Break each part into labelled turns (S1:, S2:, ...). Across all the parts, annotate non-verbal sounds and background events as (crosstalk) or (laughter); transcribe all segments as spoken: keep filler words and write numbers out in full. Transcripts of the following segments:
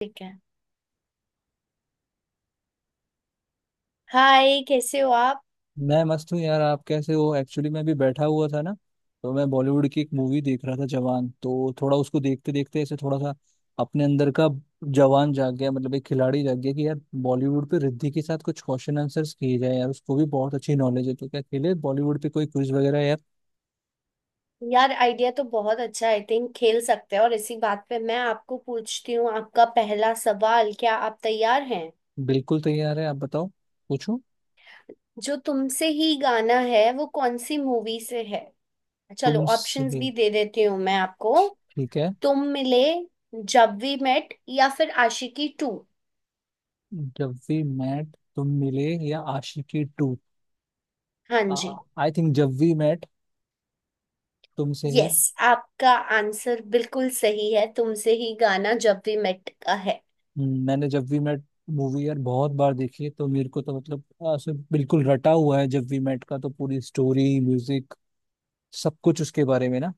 S1: ठीक है। हाय, कैसे हो आप।
S2: मैं मस्त हूँ यार। आप कैसे हो? एक्चुअली मैं भी बैठा हुआ था ना, तो मैं बॉलीवुड की एक मूवी देख रहा था, जवान। तो थोड़ा उसको देखते देखते ऐसे थोड़ा सा अपने अंदर का जवान जाग गया। मतलब एक खिलाड़ी जाग गया कि यार बॉलीवुड पे रिद्धि के साथ कुछ क्वेश्चन आंसर्स किए जाए। यार उसको भी बहुत अच्छी नॉलेज है। तो क्या खेले बॉलीवुड पे कोई क्विज वगैरह यार।
S1: यार, आइडिया तो बहुत अच्छा है। आई थिंक खेल सकते हैं। और इसी बात पे मैं आपको पूछती हूँ, आपका पहला सवाल। क्या आप तैयार हैं?
S2: बिल्कुल तैयार है, आप बताओ। पूछूं
S1: जो तुमसे ही गाना है वो कौन सी मूवी से है? चलो
S2: तुमसे।
S1: ऑप्शंस भी दे देती हूँ मैं आपको।
S2: ठीक है।
S1: तुम मिले, जब वी मेट या फिर आशिकी टू।
S2: जब वी मेट, तुम मिले या आशिकी टू।
S1: हाँ जी।
S2: I think Jab We Met. Tumse Hi.
S1: Yes, आपका आंसर बिल्कुल सही है। तुमसे ही गाना जब वी मेट का है।
S2: हम्म, मैंने जब वी मेट मूवी यार बहुत बार देखी है, तो मेरे को तो मतलब ऐसे बिल्कुल रटा हुआ है। जब वी मेट का तो पूरी स्टोरी, म्यूजिक, सब कुछ उसके बारे में ना।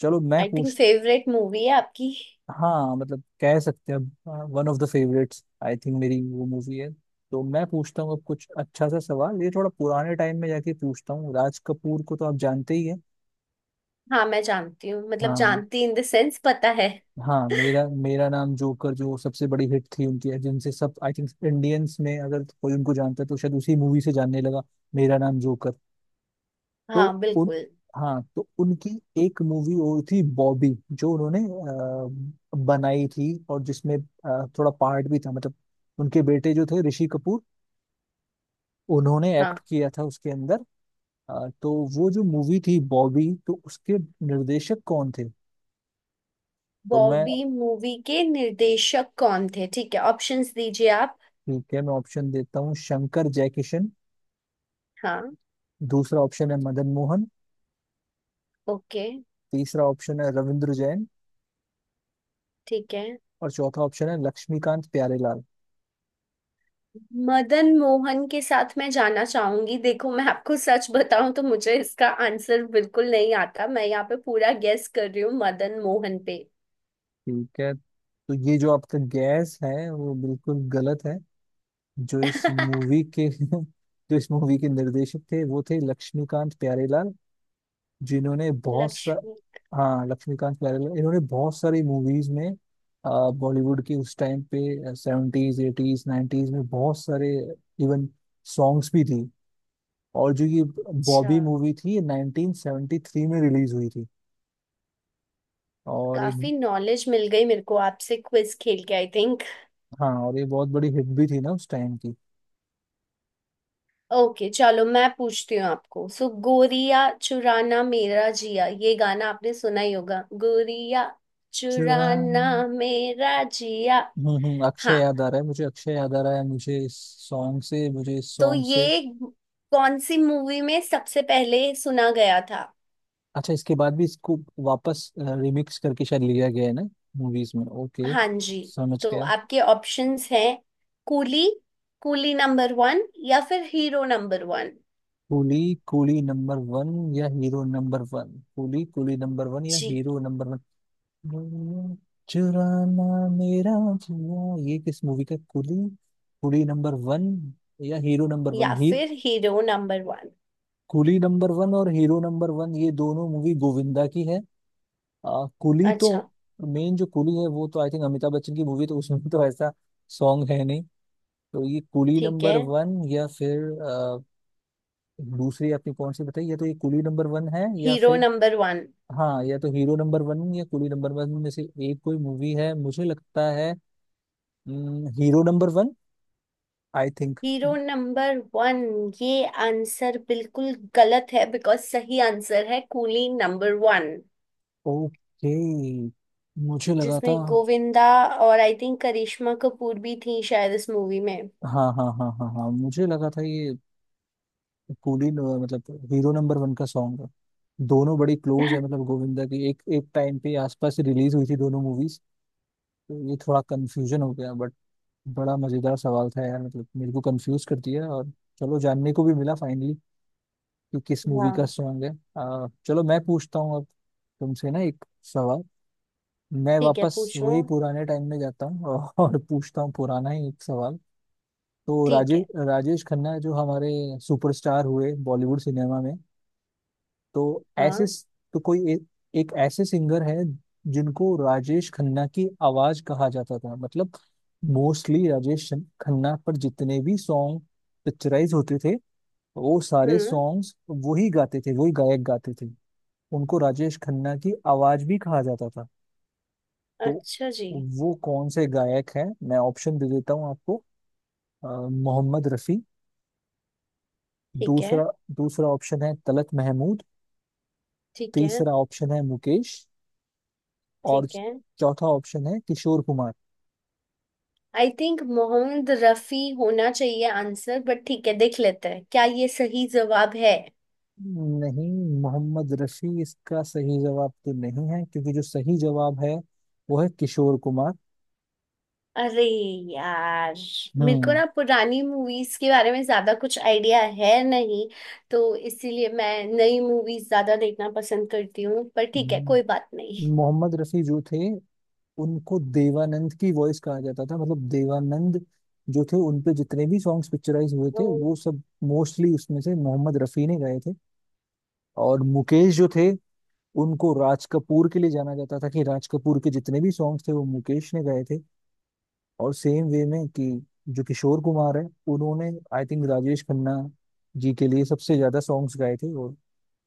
S2: चलो मैं
S1: आई थिंक
S2: पूछ।
S1: फेवरेट मूवी है आपकी।
S2: हाँ मतलब कह सकते हैं, one of the favourites I think मेरी वो मूवी है। तो मैं पूछता हूँ अब कुछ अच्छा सा सवाल। ये थोड़ा पुराने टाइम में जाके पूछता हूँ। राज कपूर को तो आप जानते ही हैं।
S1: हाँ मैं जानती हूँ, मतलब
S2: हाँ
S1: जानती इन द सेंस, पता है।
S2: हाँ। मेरा मेरा नाम जोकर जो सबसे बड़ी हिट थी उनकी, जिनसे सब आई थिंक इंडियंस में अगर कोई उनको जानता है तो शायद उसी मूवी से जानने लगा। मेरा नाम जोकर।
S1: हाँ
S2: तो उन
S1: बिल्कुल।
S2: हाँ तो उनकी एक मूवी और थी, बॉबी, जो उन्होंने अ, बनाई थी, और जिसमें अ, थोड़ा पार्ट भी था, मतलब उनके बेटे जो थे ऋषि कपूर, उन्होंने
S1: हाँ।
S2: एक्ट किया था उसके अंदर। अ, तो वो जो मूवी थी बॉबी, तो उसके निर्देशक कौन थे? तो मैं।
S1: बॉबी मूवी के निर्देशक कौन थे? ठीक है, ऑप्शंस दीजिए आप।
S2: ठीक है, मैं ऑप्शन देता हूँ। शंकर जयकिशन।
S1: हाँ।
S2: दूसरा ऑप्शन है मदन मोहन।
S1: ओके।
S2: तीसरा ऑप्शन है रविंद्र जैन।
S1: ठीक है।
S2: और चौथा ऑप्शन है लक्ष्मीकांत प्यारेलाल।
S1: मदन मोहन के साथ मैं जाना चाहूंगी। देखो, मैं आपको सच बताऊं तो मुझे इसका आंसर बिल्कुल नहीं आता। मैं यहाँ पे पूरा गेस कर रही हूँ मदन मोहन पे।
S2: ठीक है, तो ये जो आपका गैस है वो बिल्कुल गलत है। जो इस
S1: (laughs)
S2: मूवी के (laughs) जो इस मूवी के निर्देशक थे वो थे लक्ष्मीकांत प्यारेलाल, जिन्होंने बहुत सा।
S1: लक्ष्मी।
S2: हाँ, लक्ष्मीकांत प्यारेलाल, इन्होंने बहुत सारी मूवीज में अ, बॉलीवुड की, उस टाइम पे सेवेंटीज एटीज नाइन्टीज में, बहुत सारे इवन सॉन्ग्स भी थी। और जो ये
S1: अच्छा।
S2: बॉबी मूवी थी, ये नाइन्टीन सेवेंटी थ्री में रिलीज हुई थी। और एक।
S1: काफी नॉलेज मिल गई मेरे को आपसे क्विज खेल के, आई थिंक।
S2: हाँ, और ये बहुत बड़ी हिट भी थी ना उस टाइम की।
S1: ओके, चलो मैं पूछती हूँ आपको। सो, गोरिया चुराना मेरा जिया, ये गाना आपने सुना ही होगा। गोरिया चुराना
S2: चुरान।
S1: मेरा जिया।
S2: हम्म हम्म अक्षय
S1: हाँ।
S2: याद आ रहा है मुझे, अक्षय याद आ रहा है मुझे इस सॉन्ग से, मुझे इस
S1: तो
S2: सॉन्ग से।
S1: ये कौन सी मूवी में सबसे पहले सुना गया था?
S2: अच्छा, इसके बाद भी इसको वापस रिमिक्स करके शायद लिया गया है ना मूवीज में। ओके,
S1: हाँ जी।
S2: समझ
S1: तो
S2: गया।
S1: आपके ऑप्शंस हैं, कूली, कूली नंबर वन या फिर Hero number one.
S2: Coolie, Coolie number one या Hero number one? Coolie, Coolie number one या
S1: जी।
S2: Hero number one? वो चुराना मेरा जुआ, ये किस मूवी का? कुली, कुली नंबर वन या हीरो नंबर वन
S1: या
S2: ही?
S1: फिर Hero number one.
S2: Coolie number one और हीरो नंबर वन, ये दोनों मूवी गोविंदा की है। आ, कुली तो,
S1: अच्छा।
S2: मेन जो कुली है वो तो आई थिंक अमिताभ बच्चन की मूवी, तो उसमें तो ऐसा सॉन्ग है नहीं। तो ये कुली
S1: ठीक है।
S2: नंबर वन या फिर आ, दूसरी आपने कौन सी बताई? या तो ये कुली नंबर वन है या
S1: हीरो
S2: फिर।
S1: Number one.
S2: हाँ, या तो हीरो नंबर वन या कुली नंबर वन में से एक कोई मूवी है मुझे लगता है। Hero number one I think.
S1: Hero number one, ये आंसर बिल्कुल गलत है। बिकॉज सही आंसर है कूली नंबर वन,
S2: ओके, मुझे लगा था।
S1: जिसमें गोविंदा और आई थिंक करिश्मा कपूर भी थी, शायद, इस मूवी में।
S2: हाँ, हाँ, हाँ, हाँ, हाँ, मुझे लगा था ये कूली न- मतलब हीरो नंबर वन का सॉन्ग है। दोनों बड़ी क्लोज है मतलब, गोविंदा की एक एक टाइम पे आसपास रिलीज हुई थी दोनों मूवीज। तो ये थोड़ा कंफ्यूजन हो गया बट बड़ा मजेदार सवाल था यार, मतलब मेरे को कंफ्यूज कर दिया। और चलो, जानने को भी मिला फाइनली कि किस मूवी का
S1: हाँ।
S2: सॉन्ग है। आ, चलो मैं पूछता हूँ अब तुमसे ना एक सवाल। मैं
S1: ठीक है,
S2: वापस
S1: पूछो।
S2: वही पुराने टाइम में जाता हूँ और (laughs) पूछता हूँ पुराना ही एक सवाल। तो
S1: ठीक
S2: राजेश
S1: है।
S2: राजेश खन्ना जो हमारे सुपरस्टार हुए बॉलीवुड सिनेमा में, तो ऐसे
S1: हाँ।
S2: तो कोई एक, एक ऐसे सिंगर है जिनको राजेश खन्ना की आवाज कहा जाता था, मतलब मोस्टली राजेश शन- खन्ना पर जितने भी सॉन्ग पिक्चराइज होते थे, वो सारे
S1: हम्म।
S2: सॉन्ग्स वही गाते थे, वही गायक गाते थे। उनको राजेश खन्ना की आवाज भी कहा जाता था। तो
S1: अच्छा जी।
S2: वो कौन से गायक हैं? मैं ऑप्शन दे देता हूँ आपको। अ, मोहम्मद रफी।
S1: ठीक है।
S2: दूसरा दूसरा ऑप्शन है तलत महमूद।
S1: ठीक है।
S2: तीसरा ऑप्शन है मुकेश। और
S1: ठीक है।
S2: चौथा ऑप्शन है किशोर कुमार।
S1: आई थिंक मोहम्मद रफी होना चाहिए आंसर, बट ठीक है, देख लेते हैं क्या ये सही जवाब है।
S2: नहीं, मोहम्मद रफी इसका सही जवाब तो नहीं है, क्योंकि जो सही जवाब है वो है किशोर कुमार।
S1: अरे यार, मेरे को
S2: हम्म
S1: ना पुरानी मूवीज के बारे में ज्यादा कुछ आइडिया है नहीं। तो इसीलिए मैं नई मूवीज ज्यादा देखना पसंद करती हूँ, पर ठीक है, कोई
S2: हम्म।
S1: बात नहीं।
S2: मोहम्मद रफी जो थे, उनको देवानंद की वॉइस कहा जाता था, मतलब देवानंद जो थे उनपे जितने भी सॉन्ग्स पिक्चराइज हुए थे
S1: ओके।
S2: वो सब मोस्टली उसमें से मोहम्मद रफी ने गाए थे। और मुकेश जो थे, उनको राज कपूर के लिए जाना जाता था, कि राज कपूर के जितने भी सॉन्ग्स थे वो मुकेश ने गाए थे। और सेम वे में कि जो किशोर कुमार है, उन्होंने आई थिंक राजेश खन्ना जी के लिए सबसे ज्यादा सॉन्ग्स गाए थे। और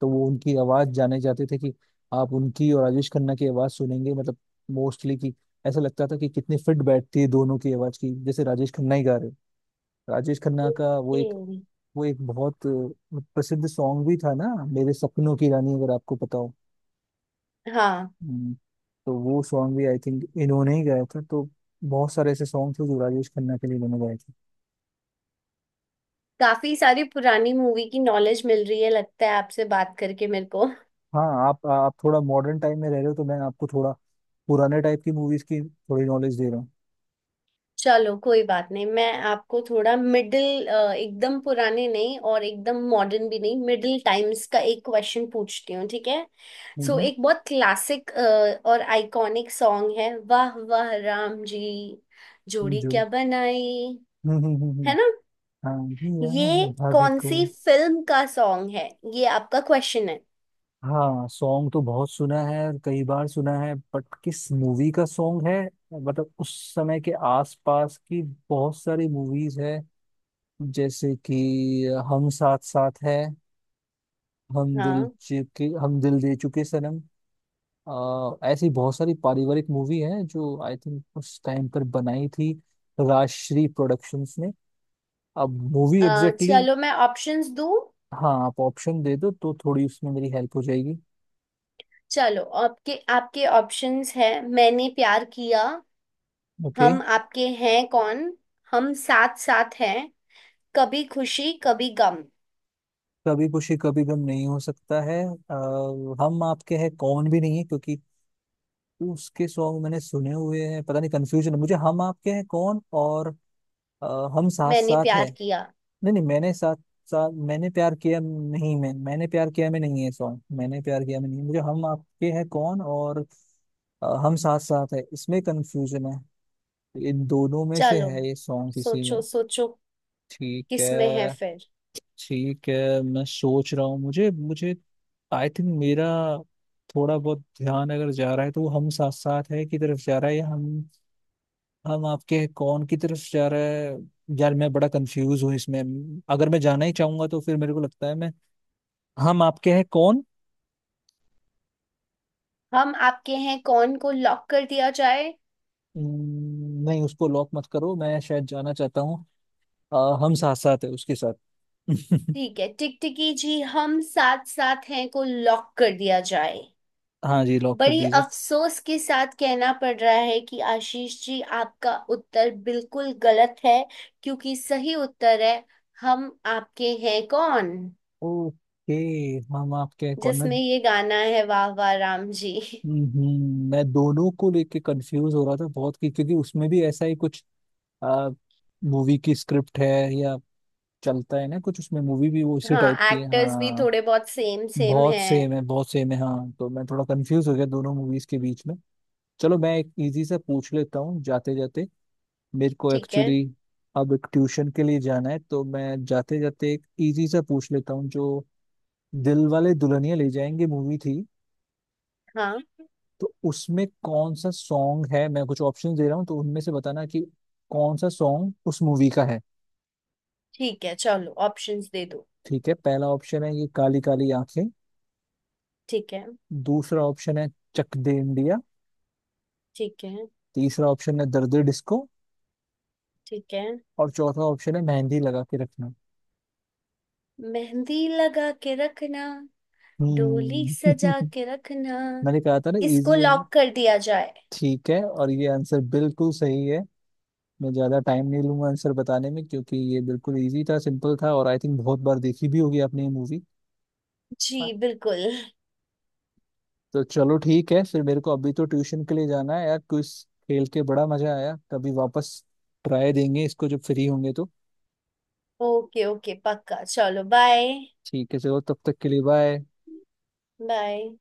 S2: तो वो उनकी आवाज जाने जाते थे, कि आप उनकी और राजेश खन्ना की आवाज सुनेंगे, मतलब मोस्टली, कि ऐसा लगता था कि कितनी फिट बैठती है दोनों की आवाज की, जैसे राजेश खन्ना ही गा रहे हैं। राजेश खन्ना का वो एक, वो एक बहुत अ, प्रसिद्ध सॉन्ग भी था ना, मेरे सपनों की रानी, अगर आपको पता हो।
S1: हाँ।
S2: हम्म, तो वो सॉन्ग भी आई थिंक इन्होंने ही गाया था। तो बहुत सारे ऐसे सॉन्ग थे जो राजेश खन्ना के लिए इन्होंने गाए थे।
S1: काफी सारी पुरानी मूवी की नॉलेज मिल रही है, लगता है, आपसे बात करके मेरे को।
S2: हाँ, आप आप थोड़ा मॉडर्न टाइम में रह रहे हो, तो मैं आपको थोड़ा पुराने टाइप की मूवीज की थोड़ी नॉलेज दे रहा हूँ।
S1: चलो कोई बात नहीं, मैं आपको थोड़ा मिडिल, एकदम पुराने नहीं और एकदम मॉडर्न भी नहीं, मिडिल टाइम्स का एक क्वेश्चन पूछती हूँ, ठीक है। सो,
S2: हम्म।
S1: एक बहुत क्लासिक और आइकॉनिक सॉन्ग है, वाह वाह राम जी
S2: हम्म।
S1: जोड़ी
S2: जो
S1: क्या बनाई,
S2: हम्म, हम्म, हम्म,
S1: है
S2: हम्म।
S1: ना।
S2: हाँ, भैया
S1: ये
S2: भाभी
S1: कौन
S2: को।
S1: सी फिल्म का सॉन्ग है, ये आपका क्वेश्चन है।
S2: हाँ, सॉन्ग तो बहुत सुना है और कई बार सुना है, बट किस मूवी का सॉन्ग है? मतलब उस समय के आसपास की बहुत सारी मूवीज है, जैसे कि हम साथ साथ है, हम दिल
S1: हाँ।
S2: चुके, हम दिल दे चुके सनम, अ, ऐसी बहुत सारी पारिवारिक मूवी है जो आई थिंक उस टाइम पर बनाई थी राजश्री प्रोडक्शंस ने। अब मूवी
S1: अ,
S2: एग्जैक्टली exactly।
S1: चलो मैं ऑप्शंस दूँ।
S2: हाँ, आप ऑप्शन दे दो तो थोड़ी उसमें मेरी हेल्प हो जाएगी।
S1: चलो, आपके आपके ऑप्शंस है, मैंने प्यार किया,
S2: ओके।
S1: हम आपके हैं कौन, हम साथ साथ हैं, कभी खुशी कभी गम।
S2: कभी खुशी कभी गम नहीं हो सकता है, अ, हम आपके हैं कौन भी नहीं है, क्योंकि उसके सॉन्ग मैंने सुने हुए हैं। पता नहीं, कंफ्यूजन है मुझे हम आपके हैं कौन और अ, हम साथ
S1: मैंने
S2: साथ है।
S1: प्यार किया।
S2: नहीं, नहीं, मैंने साथ साथ, मैंने प्यार किया, नहीं, मैं मैंने प्यार किया में नहीं है सॉन्ग, मैंने प्यार किया में नहीं है। मुझे हम आपके हैं कौन और अ, हम साथ साथ है, इसमें कंफ्यूजन है। इन दोनों में से
S1: चलो
S2: है ये सॉन्ग किसी में।
S1: सोचो सोचो,
S2: ठीक
S1: किस में है
S2: है।
S1: फिर?
S2: ठीक है, मैं सोच रहा हूँ, मुझे मुझे आई थिंक मेरा थोड़ा बहुत ध्यान अगर जा रहा है तो वो हम साथ साथ है की तरफ जा रहा है या हम हम आपके हैं कौन की तरफ जा रहा है। यार मैं बड़ा कंफ्यूज हूँ इसमें। अगर मैं जाना ही चाहूंगा तो फिर मेरे को लगता है मैं हम आपके हैं कौन।
S1: हम आपके हैं कौन को लॉक कर दिया जाए?
S2: हम्म, नहीं, उसको लॉक मत करो, मैं शायद जाना चाहता हूँ अ, हम साथ साथ है उसके साथ। (laughs)
S1: ठीक है टिकटिकी जी, हम साथ साथ हैं को लॉक कर दिया जाए।
S2: हाँ जी, लॉक कर
S1: बड़ी
S2: दीजिए।
S1: अफसोस के साथ कहना पड़ रहा है कि आशीष जी, आपका उत्तर बिल्कुल गलत है। क्योंकि सही उत्तर है हम आपके हैं कौन,
S2: ओके, हम आपके हैं कौन मैं।
S1: जिसमें ये गाना है वाह वाह राम जी।
S2: हम्म, मैं दोनों को लेके कंफ्यूज हो रहा था बहुत, कि क्योंकि उसमें भी ऐसा ही कुछ मूवी की स्क्रिप्ट है या चलता है ना कुछ उसमें, मूवी भी वो इसी टाइप
S1: हाँ,
S2: की है,
S1: एक्टर्स भी
S2: हाँ।
S1: थोड़े बहुत सेम सेम
S2: बहुत
S1: हैं।
S2: सेम है, बहुत सेम है, हाँ। तो मैं थोड़ा कंफ्यूज हो गया दोनों मूवीज के बीच में। चलो, मैं एक इजी सा पूछ लेता हूँ जाते जाते। मेरे को
S1: ठीक है।
S2: एक्चुअली अब एक ट्यूशन के लिए जाना है, तो मैं जाते जाते एक इजी सा पूछ लेता हूँ। जो दिल वाले दुल्हनिया ले जाएंगे मूवी थी,
S1: हाँ।
S2: तो उसमें कौन सा सॉन्ग है? मैं कुछ ऑप्शन दे रहा हूँ, तो उनमें से बताना कि कौन सा सॉन्ग उस मूवी का है।
S1: ठीक है, चलो ऑप्शंस दे दो।
S2: ठीक है, पहला ऑप्शन है ये काली काली आंखें।
S1: ठीक है।
S2: दूसरा ऑप्शन है चक दे इंडिया।
S1: ठीक है।
S2: तीसरा ऑप्शन है दर्द डिस्को।
S1: ठीक है।
S2: और चौथा ऑप्शन है मेहंदी लगा के रखना।
S1: मेहंदी लगा के रखना, डोली
S2: हम्म।
S1: सजा के रखना।
S2: (laughs) मैंने कहा था ना,
S1: इसको
S2: इजी होना।
S1: लॉक कर दिया जाए।
S2: ठीक है, और ये आंसर बिल्कुल सही है। मैं ज्यादा टाइम नहीं लूंगा आंसर बताने में, क्योंकि ये बिल्कुल इजी था, सिंपल था, और आई थिंक बहुत बार देखी भी होगी आपने ये मूवी।
S1: जी बिल्कुल।
S2: तो चलो ठीक है फिर, मेरे को अभी तो ट्यूशन के लिए जाना है यार। क्विज खेल के बड़ा मजा आया, कभी वापस ट्राई देंगे इसको, जब फ्री होंगे तो।
S1: ओके ओके, पक्का। चलो बाय।
S2: ठीक है, चलो, तब तक के लिए बाय।
S1: बाय।